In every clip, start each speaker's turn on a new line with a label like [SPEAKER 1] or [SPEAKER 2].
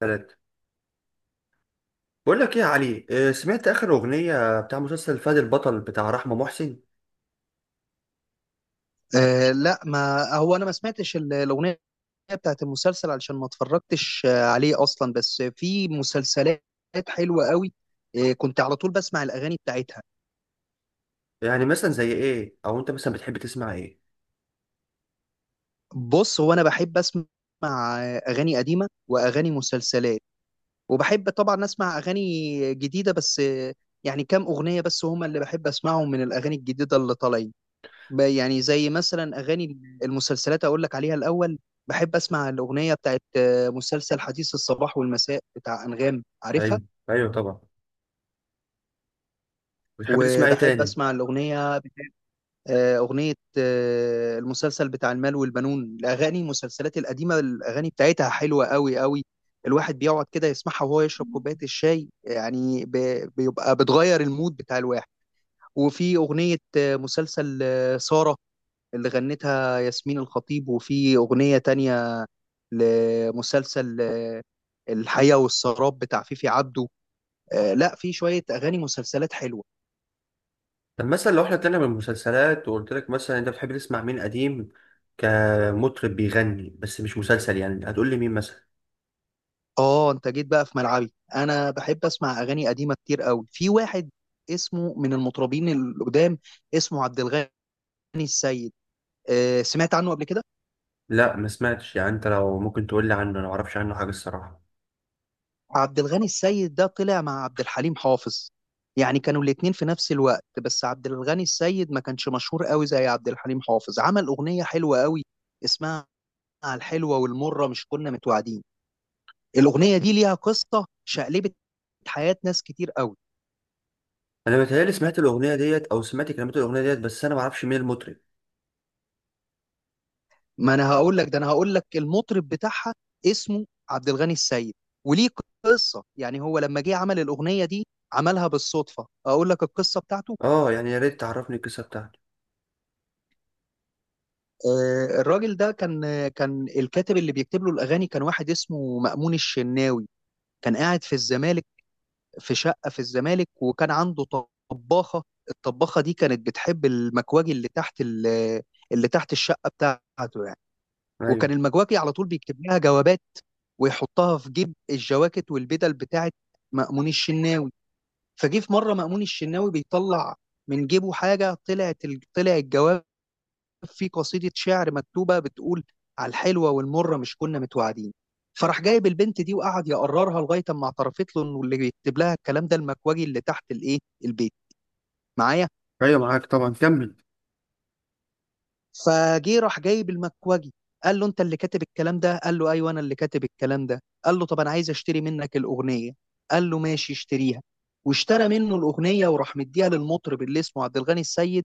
[SPEAKER 1] ثلاثة. بقول لك ايه يا علي، سمعت اخر اغنية بتاع مسلسل فهد البطل بتاع رحمة محسن؟
[SPEAKER 2] آه لا ما هو انا ما سمعتش الاغنيه بتاعت المسلسل علشان ما اتفرجتش عليه اصلا. بس في مسلسلات حلوه قوي، كنت على طول بسمع الاغاني بتاعتها.
[SPEAKER 1] يعني مثلا زي ايه، او انت مثلا بتحب تسمع ايه؟
[SPEAKER 2] بص هو انا بحب اسمع اغاني قديمه واغاني مسلسلات، وبحب طبعا اسمع اغاني جديده بس، يعني كام اغنيه بس هما اللي بحب اسمعهم من الاغاني الجديده اللي طالعين. يعني زي مثلا اغاني المسلسلات اقول لك عليها الاول. بحب اسمع الاغنيه بتاعت مسلسل حديث الصباح والمساء بتاع انغام، عارفها؟
[SPEAKER 1] ايوه، ايوه، طبعا. بتحب تسمع ايه
[SPEAKER 2] وبحب
[SPEAKER 1] تاني؟
[SPEAKER 2] اسمع الاغنيه، آه، اغنيه آه، المسلسل بتاع المال والبنون. الاغاني المسلسلات القديمه الاغاني بتاعتها حلوه قوي قوي، الواحد بيقعد كده يسمعها وهو يشرب كوبايه الشاي يعني، بيبقى بتغير المود بتاع الواحد. وفي اغنيه مسلسل ساره اللي غنتها ياسمين الخطيب، وفي اغنيه تانية لمسلسل الحياة والسراب بتاع فيفي عبده. آه لا، في شوية أغاني مسلسلات حلوة.
[SPEAKER 1] طب مثلا لو احنا طلعنا من المسلسلات وقلت لك مثلا انت بتحب تسمع مين قديم، كمطرب بيغني بس مش مسلسل، يعني هتقول لي مين مثلا؟
[SPEAKER 2] اه انت جيت بقى في ملعبي، انا بحب اسمع اغاني قديمة كتير قوي. في واحد اسمه من المطربين القدام، اسمه عبد الغني السيد، آه سمعت عنه قبل كده؟
[SPEAKER 1] لا، ما سمعتش. يعني انت لو ممكن تقول لي عنه، انا ما اعرفش عنه حاجة الصراحة.
[SPEAKER 2] عبد الغني السيد ده طلع مع عبد الحليم حافظ، يعني كانوا الاتنين في نفس الوقت، بس عبد الغني السيد ما كانش مشهور قوي زي عبد الحليم حافظ. عمل أغنية حلوة قوي اسمها على الحلوة والمرة مش كنا متوعدين. الاغنيه دي ليها قصه شقلبت حياه ناس كتير قوي.
[SPEAKER 1] انا متهيألي سمعت الاغنية ديت او سمعت كلمات الاغنية ديت، بس انا ما اعرفش مين المطرب.
[SPEAKER 2] ما انا هقول لك، ده انا هقول لك المطرب بتاعها اسمه عبد الغني السيد، وليه قصه. يعني هو لما جه عمل الاغنيه دي عملها بالصدفه. اقول لك القصه بتاعته.
[SPEAKER 1] اه، يعني يا ريت تعرفني القصة بتاعته.
[SPEAKER 2] الراجل ده كان، كان الكاتب اللي بيكتب له الاغاني كان واحد اسمه مأمون الشناوي، كان قاعد في الزمالك في شقه في الزمالك، وكان عنده طباخه. الطباخه دي كانت بتحب المكواجي اللي تحت اللي تحت الشقه بتاعته يعني.
[SPEAKER 1] أيوة.
[SPEAKER 2] وكان المجواكي على طول بيكتب لها جوابات ويحطها في جيب الجواكت والبدل بتاعت مأمون الشناوي. فجه في مرة مأمون الشناوي بيطلع من جيبه حاجة، طلعت طلع الجواب فيه قصيدة شعر مكتوبة بتقول على الحلوة والمرة مش كنا متوعدين. فراح جايب البنت دي وقعد يقررها لغاية اما اعترفت له انه اللي بيكتب لها الكلام ده المكواجي اللي تحت الايه، البيت. معايا؟
[SPEAKER 1] ايوه، معاك طبعا. كمل.
[SPEAKER 2] فجه راح جايب المكوجي قال له انت اللي كاتب الكلام ده؟ قال له ايوه انا اللي كاتب الكلام ده. قال له طب انا عايز اشتري منك الاغنيه. قال له ماشي اشتريها. واشترى منه الاغنيه وراح مديها للمطرب اللي اسمه عبد الغني السيد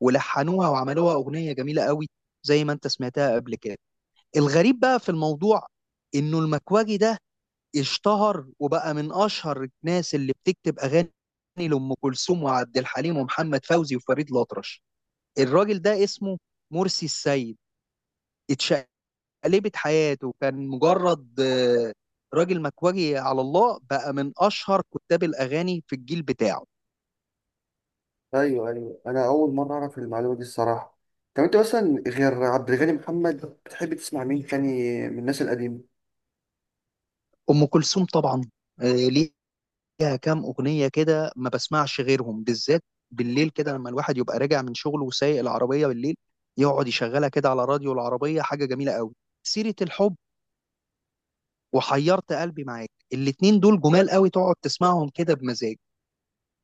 [SPEAKER 2] ولحنوها وعملوها اغنيه جميله قوي زي ما انت سمعتها قبل كده. الغريب بقى في الموضوع انه المكواجي ده اشتهر وبقى من اشهر الناس اللي بتكتب اغاني لام كلثوم وعبد الحليم ومحمد فوزي وفريد الأطرش. الراجل ده اسمه مرسي السيد، اتشقلبت حياته. كان مجرد راجل مكواجي على الله بقى من اشهر كتاب الاغاني في الجيل بتاعه.
[SPEAKER 1] ايوه، ايوه، انا اول مره اعرف المعلومه دي الصراحه. طب انت مثلا غير عبد الغني محمد، بتحب تسمع مين تاني من الناس القديمه؟
[SPEAKER 2] ام كلثوم طبعا، ليها كام اغنيه كده ما بسمعش غيرهم، بالذات بالليل كده لما الواحد يبقى راجع من شغله وسايق العربيه بالليل، يقعد يشغلها كده على راديو العربيه، حاجه جميله قوي. سيره الحب وحيرت قلبي معاك، الاتنين دول جمال قوي تقعد تسمعهم كده بمزاج.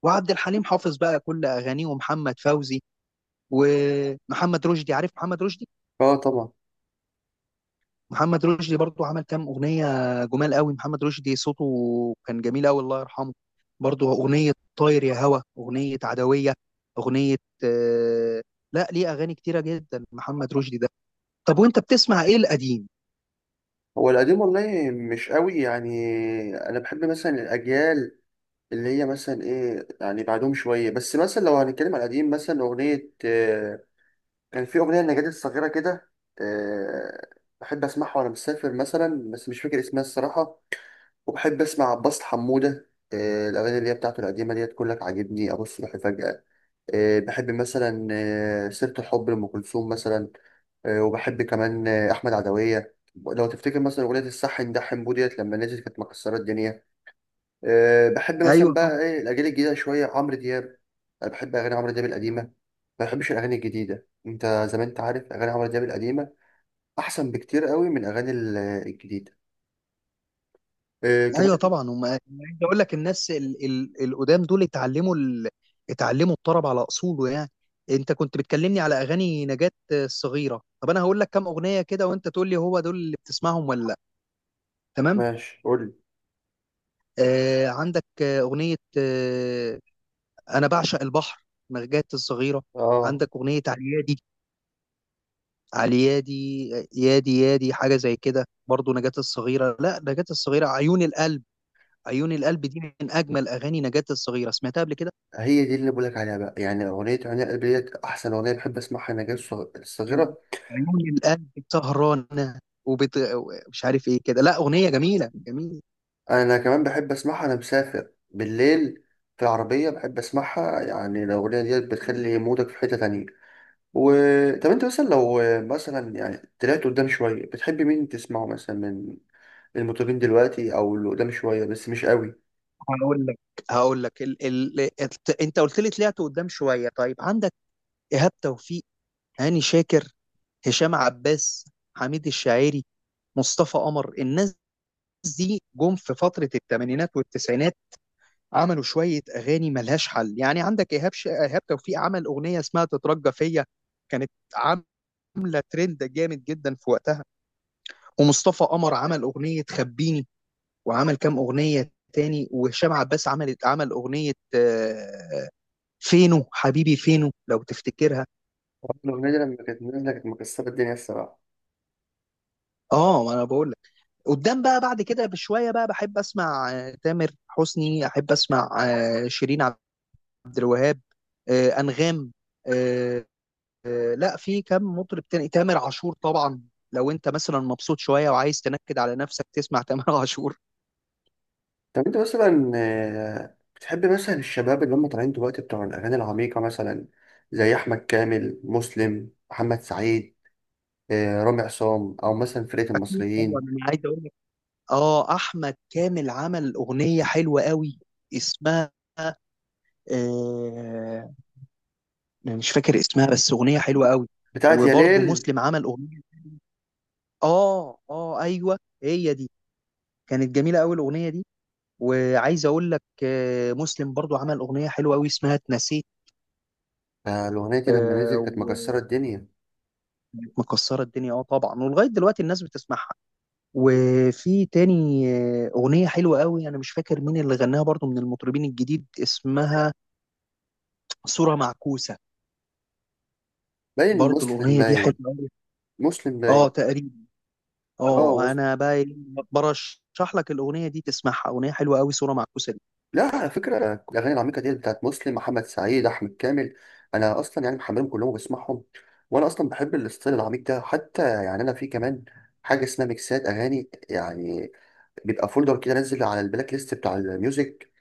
[SPEAKER 2] وعبد الحليم حافظ بقى كل اغانيه، ومحمد فوزي ومحمد رشدي، عارف محمد رشدي؟
[SPEAKER 1] اه، طبعا.
[SPEAKER 2] محمد رشدي برضو عمل كام اغنيه جمال قوي. محمد رشدي صوته كان جميل قوي، الله يرحمه. برضو اغنيه طاير يا هوا، اغنيه عدويه، اغنيه آه، لا ليه اغاني كتيره جدا محمد رشدي ده. طب وانت بتسمع ايه القديم؟
[SPEAKER 1] هو القديم والله مش قوي يعني. انا بحب مثلا الاجيال اللي هي مثلا ايه، يعني بعدهم شويه. بس مثلا لو هنتكلم على القديم، مثلا اغنيه آه، كان في اغنيه لنجاة الصغيره كده. آه، بحب اسمعها وانا مسافر مثلا، بس مش فاكر اسمها الصراحه. وبحب اسمع عباس حمودة. الأغاني اللي هي بتاعته القديمة ديت، كلك عاجبني، أبص روحي، فجأة. بحب مثلا سيرة الحب لأم كلثوم مثلا. وبحب كمان أحمد عدوية. لو تفتكر مثلا أغنية الصح ده حمبو ديت لما نزلت كانت مكسرة الدنيا. بحب مثلا
[SPEAKER 2] ايوه
[SPEAKER 1] بقى
[SPEAKER 2] طبعا.
[SPEAKER 1] إيه الأجيال الجديدة شوية، عمرو دياب. أنا بحب أغاني عمرو دياب القديمة، ما بحبش الأغاني الجديدة. أنت زي ما أنت عارف، أغاني عمرو دياب القديمة أحسن بكتير قوي من أغاني الجديدة.
[SPEAKER 2] ايوه
[SPEAKER 1] كمان.
[SPEAKER 2] طبعا. هم، أنا عايز اقول لك الناس القدام دول اتعلموا اتعلموا الطرب على اصوله يعني. انت كنت بتكلمني على اغاني نجاة الصغيره، طب انا هقول لك كام اغنيه كده وانت تقول لي هو دول اللي بتسمعهم ولا لا، تمام؟
[SPEAKER 1] ماشي، قول لي.
[SPEAKER 2] آه عندك اغنيه انا بعشق البحر، نجاة الصغيره.
[SPEAKER 1] اه،
[SPEAKER 2] عندك اغنيه عليادي عليادي، يادي يادي حاجه زي كده. برضو نجاة الصغيره، لا نجاة الصغيره عيون القلب. عيون القلب دي من اجمل اغاني نجاة الصغيره، سمعتها قبل كده؟
[SPEAKER 1] هي دي اللي بقولك عليها بقى. يعني أغنية عناء قلبي ديت أحسن أغنية بحب أسمعها. أنا جاي الصغيرة.
[SPEAKER 2] عيون القلب سهرانة مش عارف ايه كده، لا أغنية جميلة جميلة.
[SPEAKER 1] أنا كمان بحب أسمعها أنا مسافر بالليل في العربية، بحب أسمعها. يعني الأغنية ديت بتخلي مودك في حتة تانية و. طب أنت مثلا لو مثلا يعني طلعت قدام شوية، بتحب مين تسمعه مثلا من المطربين دلوقتي أو اللي قدام شوية بس مش قوي؟
[SPEAKER 2] هقول لك، انت قلت لي طلعت قدام شوية. طيب عندك إيهاب توفيق، هاني شاكر، هشام عباس، حميد الشاعري، مصطفى قمر. الناس دي جم في فترة الثمانينات والتسعينات عملوا شوية أغاني ملهاش حل يعني. عندك إيهاب توفيق عمل أغنية اسمها تترجى فيا، كانت عاملة ترند جامد جدا في وقتها. ومصطفى قمر عمل اغنيه خبيني، وعمل كام اغنيه تاني. وهشام عباس عمل اغنيه فينو حبيبي فينو، لو تفتكرها.
[SPEAKER 1] الأغنية دي لما كانت نازلة كانت مكسرة الدنيا الصراحة.
[SPEAKER 2] اه ما انا بقول لك. قدام بقى بعد كده بشويه بقى بحب اسمع تامر حسني، احب اسمع شيرين عبد الوهاب، انغام، آه، لا في كم مطرب تاني، تامر عاشور طبعا. لو انت مثلا مبسوط شويه وعايز تنكد على نفسك تسمع تامر عاشور.
[SPEAKER 1] طب انت مثلا بتحب مثلا الشباب اللي هم طالعين دلوقتي بتوع الاغاني العميقه مثلا، زي احمد كامل، مسلم، محمد سعيد، رامي عصام، او مثلا فرقه
[SPEAKER 2] اكيد طبعا،
[SPEAKER 1] المصريين؟
[SPEAKER 2] انا عايز اقول لك، اه احمد كامل عمل اغنيه حلوه قوي اسمها آه مش فاكر اسمها بس اغنيه حلوه قوي.
[SPEAKER 1] بتاعت يا
[SPEAKER 2] وبرضه
[SPEAKER 1] ليل.
[SPEAKER 2] مسلم عمل اغنيه، اه اه ايوه هي دي، كانت جميله قوي الاغنيه دي. وعايز اقول لك آه مسلم برضه عمل اغنيه حلوه قوي اسمها اتنسيت.
[SPEAKER 1] الاغنيه دي لما
[SPEAKER 2] آه
[SPEAKER 1] نزلت كانت مكسره
[SPEAKER 2] وكانت
[SPEAKER 1] الدنيا.
[SPEAKER 2] مكسره الدنيا، اه طبعا، ولغايه دلوقتي الناس بتسمعها. وفي تاني اغنيه حلوه قوي انا مش فاكر مين اللي غناها برضه من المطربين الجديد، اسمها صوره معكوسه.
[SPEAKER 1] باين
[SPEAKER 2] برضو
[SPEAKER 1] مسلم
[SPEAKER 2] الأغنية دي حلوة
[SPEAKER 1] باين.
[SPEAKER 2] أوي.
[SPEAKER 1] مسلم
[SPEAKER 2] اه
[SPEAKER 1] باين.
[SPEAKER 2] تقريبا.
[SPEAKER 1] اه،
[SPEAKER 2] اه
[SPEAKER 1] مسلم.
[SPEAKER 2] انا بقى برشح لك الأغنية دي تسمعها، أغنية حلوة أوي صورة معكوسة دي.
[SPEAKER 1] لا، على فكره الاغاني العميقه دي بتاعت مسلم، محمد سعيد، احمد كامل، انا اصلا يعني محملهم كلهم وبسمعهم. وانا اصلا بحب الاستايل العميق ده، حتى يعني انا في كمان حاجه اسمها ميكسات اغاني يعني. بيبقى فولدر كده نزل على البلاك ليست بتاع الميوزك،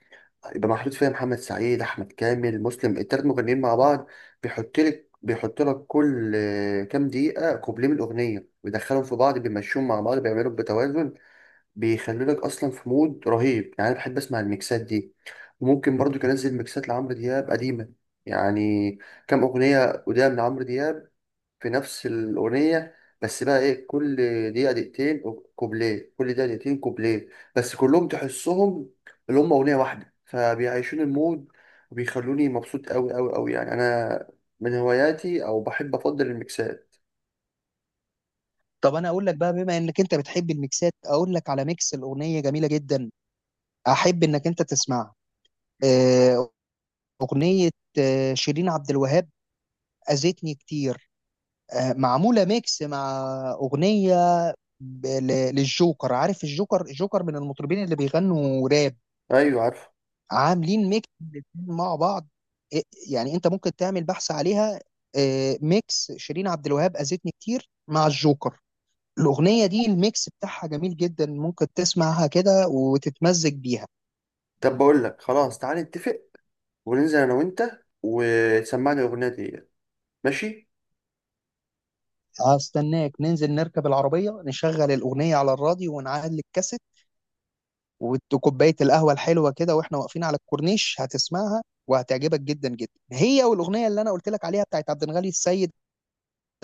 [SPEAKER 1] يبقى محطوط فيها محمد سعيد، احمد كامل، مسلم، التلات مغنيين مع بعض. بيحط لك كل كام دقيقة كوبليه من الأغنية، ويدخلهم في بعض، بيمشيهم مع بعض، بيعملوا بتوازن. بيخلوا لك أصلا في مود رهيب، يعني أنا بحب أسمع الميكسات دي. وممكن برضو كان أنزل ميكسات لعمرو دياب قديمة، يعني كام أغنية قدام لعمرو دياب في نفس الأغنية، بس بقى إيه، كل دقيقة دقيقتين كوبليه، كل دقيقة دقيقتين كوبليه، بس كلهم تحسهم اللي هم أغنية واحدة، فبيعيشون المود. وبيخلوني مبسوط أوي أوي أوي، يعني أنا من هواياتي أو بحب أفضل الميكسات.
[SPEAKER 2] طب انا اقول لك بقى بما انك انت بتحب الميكسات، اقول لك على ميكس الأغنية جميلة جدا، احب انك انت تسمعها. آه، أغنية شيرين عبد الوهاب أذتني كتير، معمولة ميكس مع أغنية للجوكر. عارف الجوكر؟ الجوكر من المطربين اللي بيغنوا راب.
[SPEAKER 1] أيوة، عارف.
[SPEAKER 2] عاملين ميكس الاتنين مع بعض. إيه- يعني انت ممكن تعمل بحث عليها، ميكس شيرين عبد الوهاب اذتني كتير مع الجوكر. الاغنيه دي الميكس بتاعها جميل جدا، ممكن تسمعها كده وتتمزج بيها.
[SPEAKER 1] طب بقول لك خلاص، تعالى نتفق وننزل أنا وأنت وتسمعني الأغنية دي. ماشي.
[SPEAKER 2] هستناك ننزل نركب العربيه نشغل الاغنيه على الراديو ونعلي الكاسيت، وكوبايه القهوه الحلوه كده واحنا واقفين على الكورنيش، هتسمعها وهتعجبك جدا جدا، هي والاغنيه اللي انا قلت لك عليها بتاعت عبد الغني السيد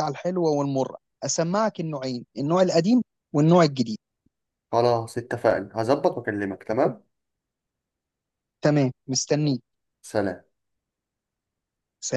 [SPEAKER 2] على الحلوة والمرة. أسمعك النوعين، النوع القديم والنوع الجديد.
[SPEAKER 1] خلاص اتفقنا، هظبط وأكلمك. تمام.
[SPEAKER 2] تمام مستنيك.
[SPEAKER 1] سلام.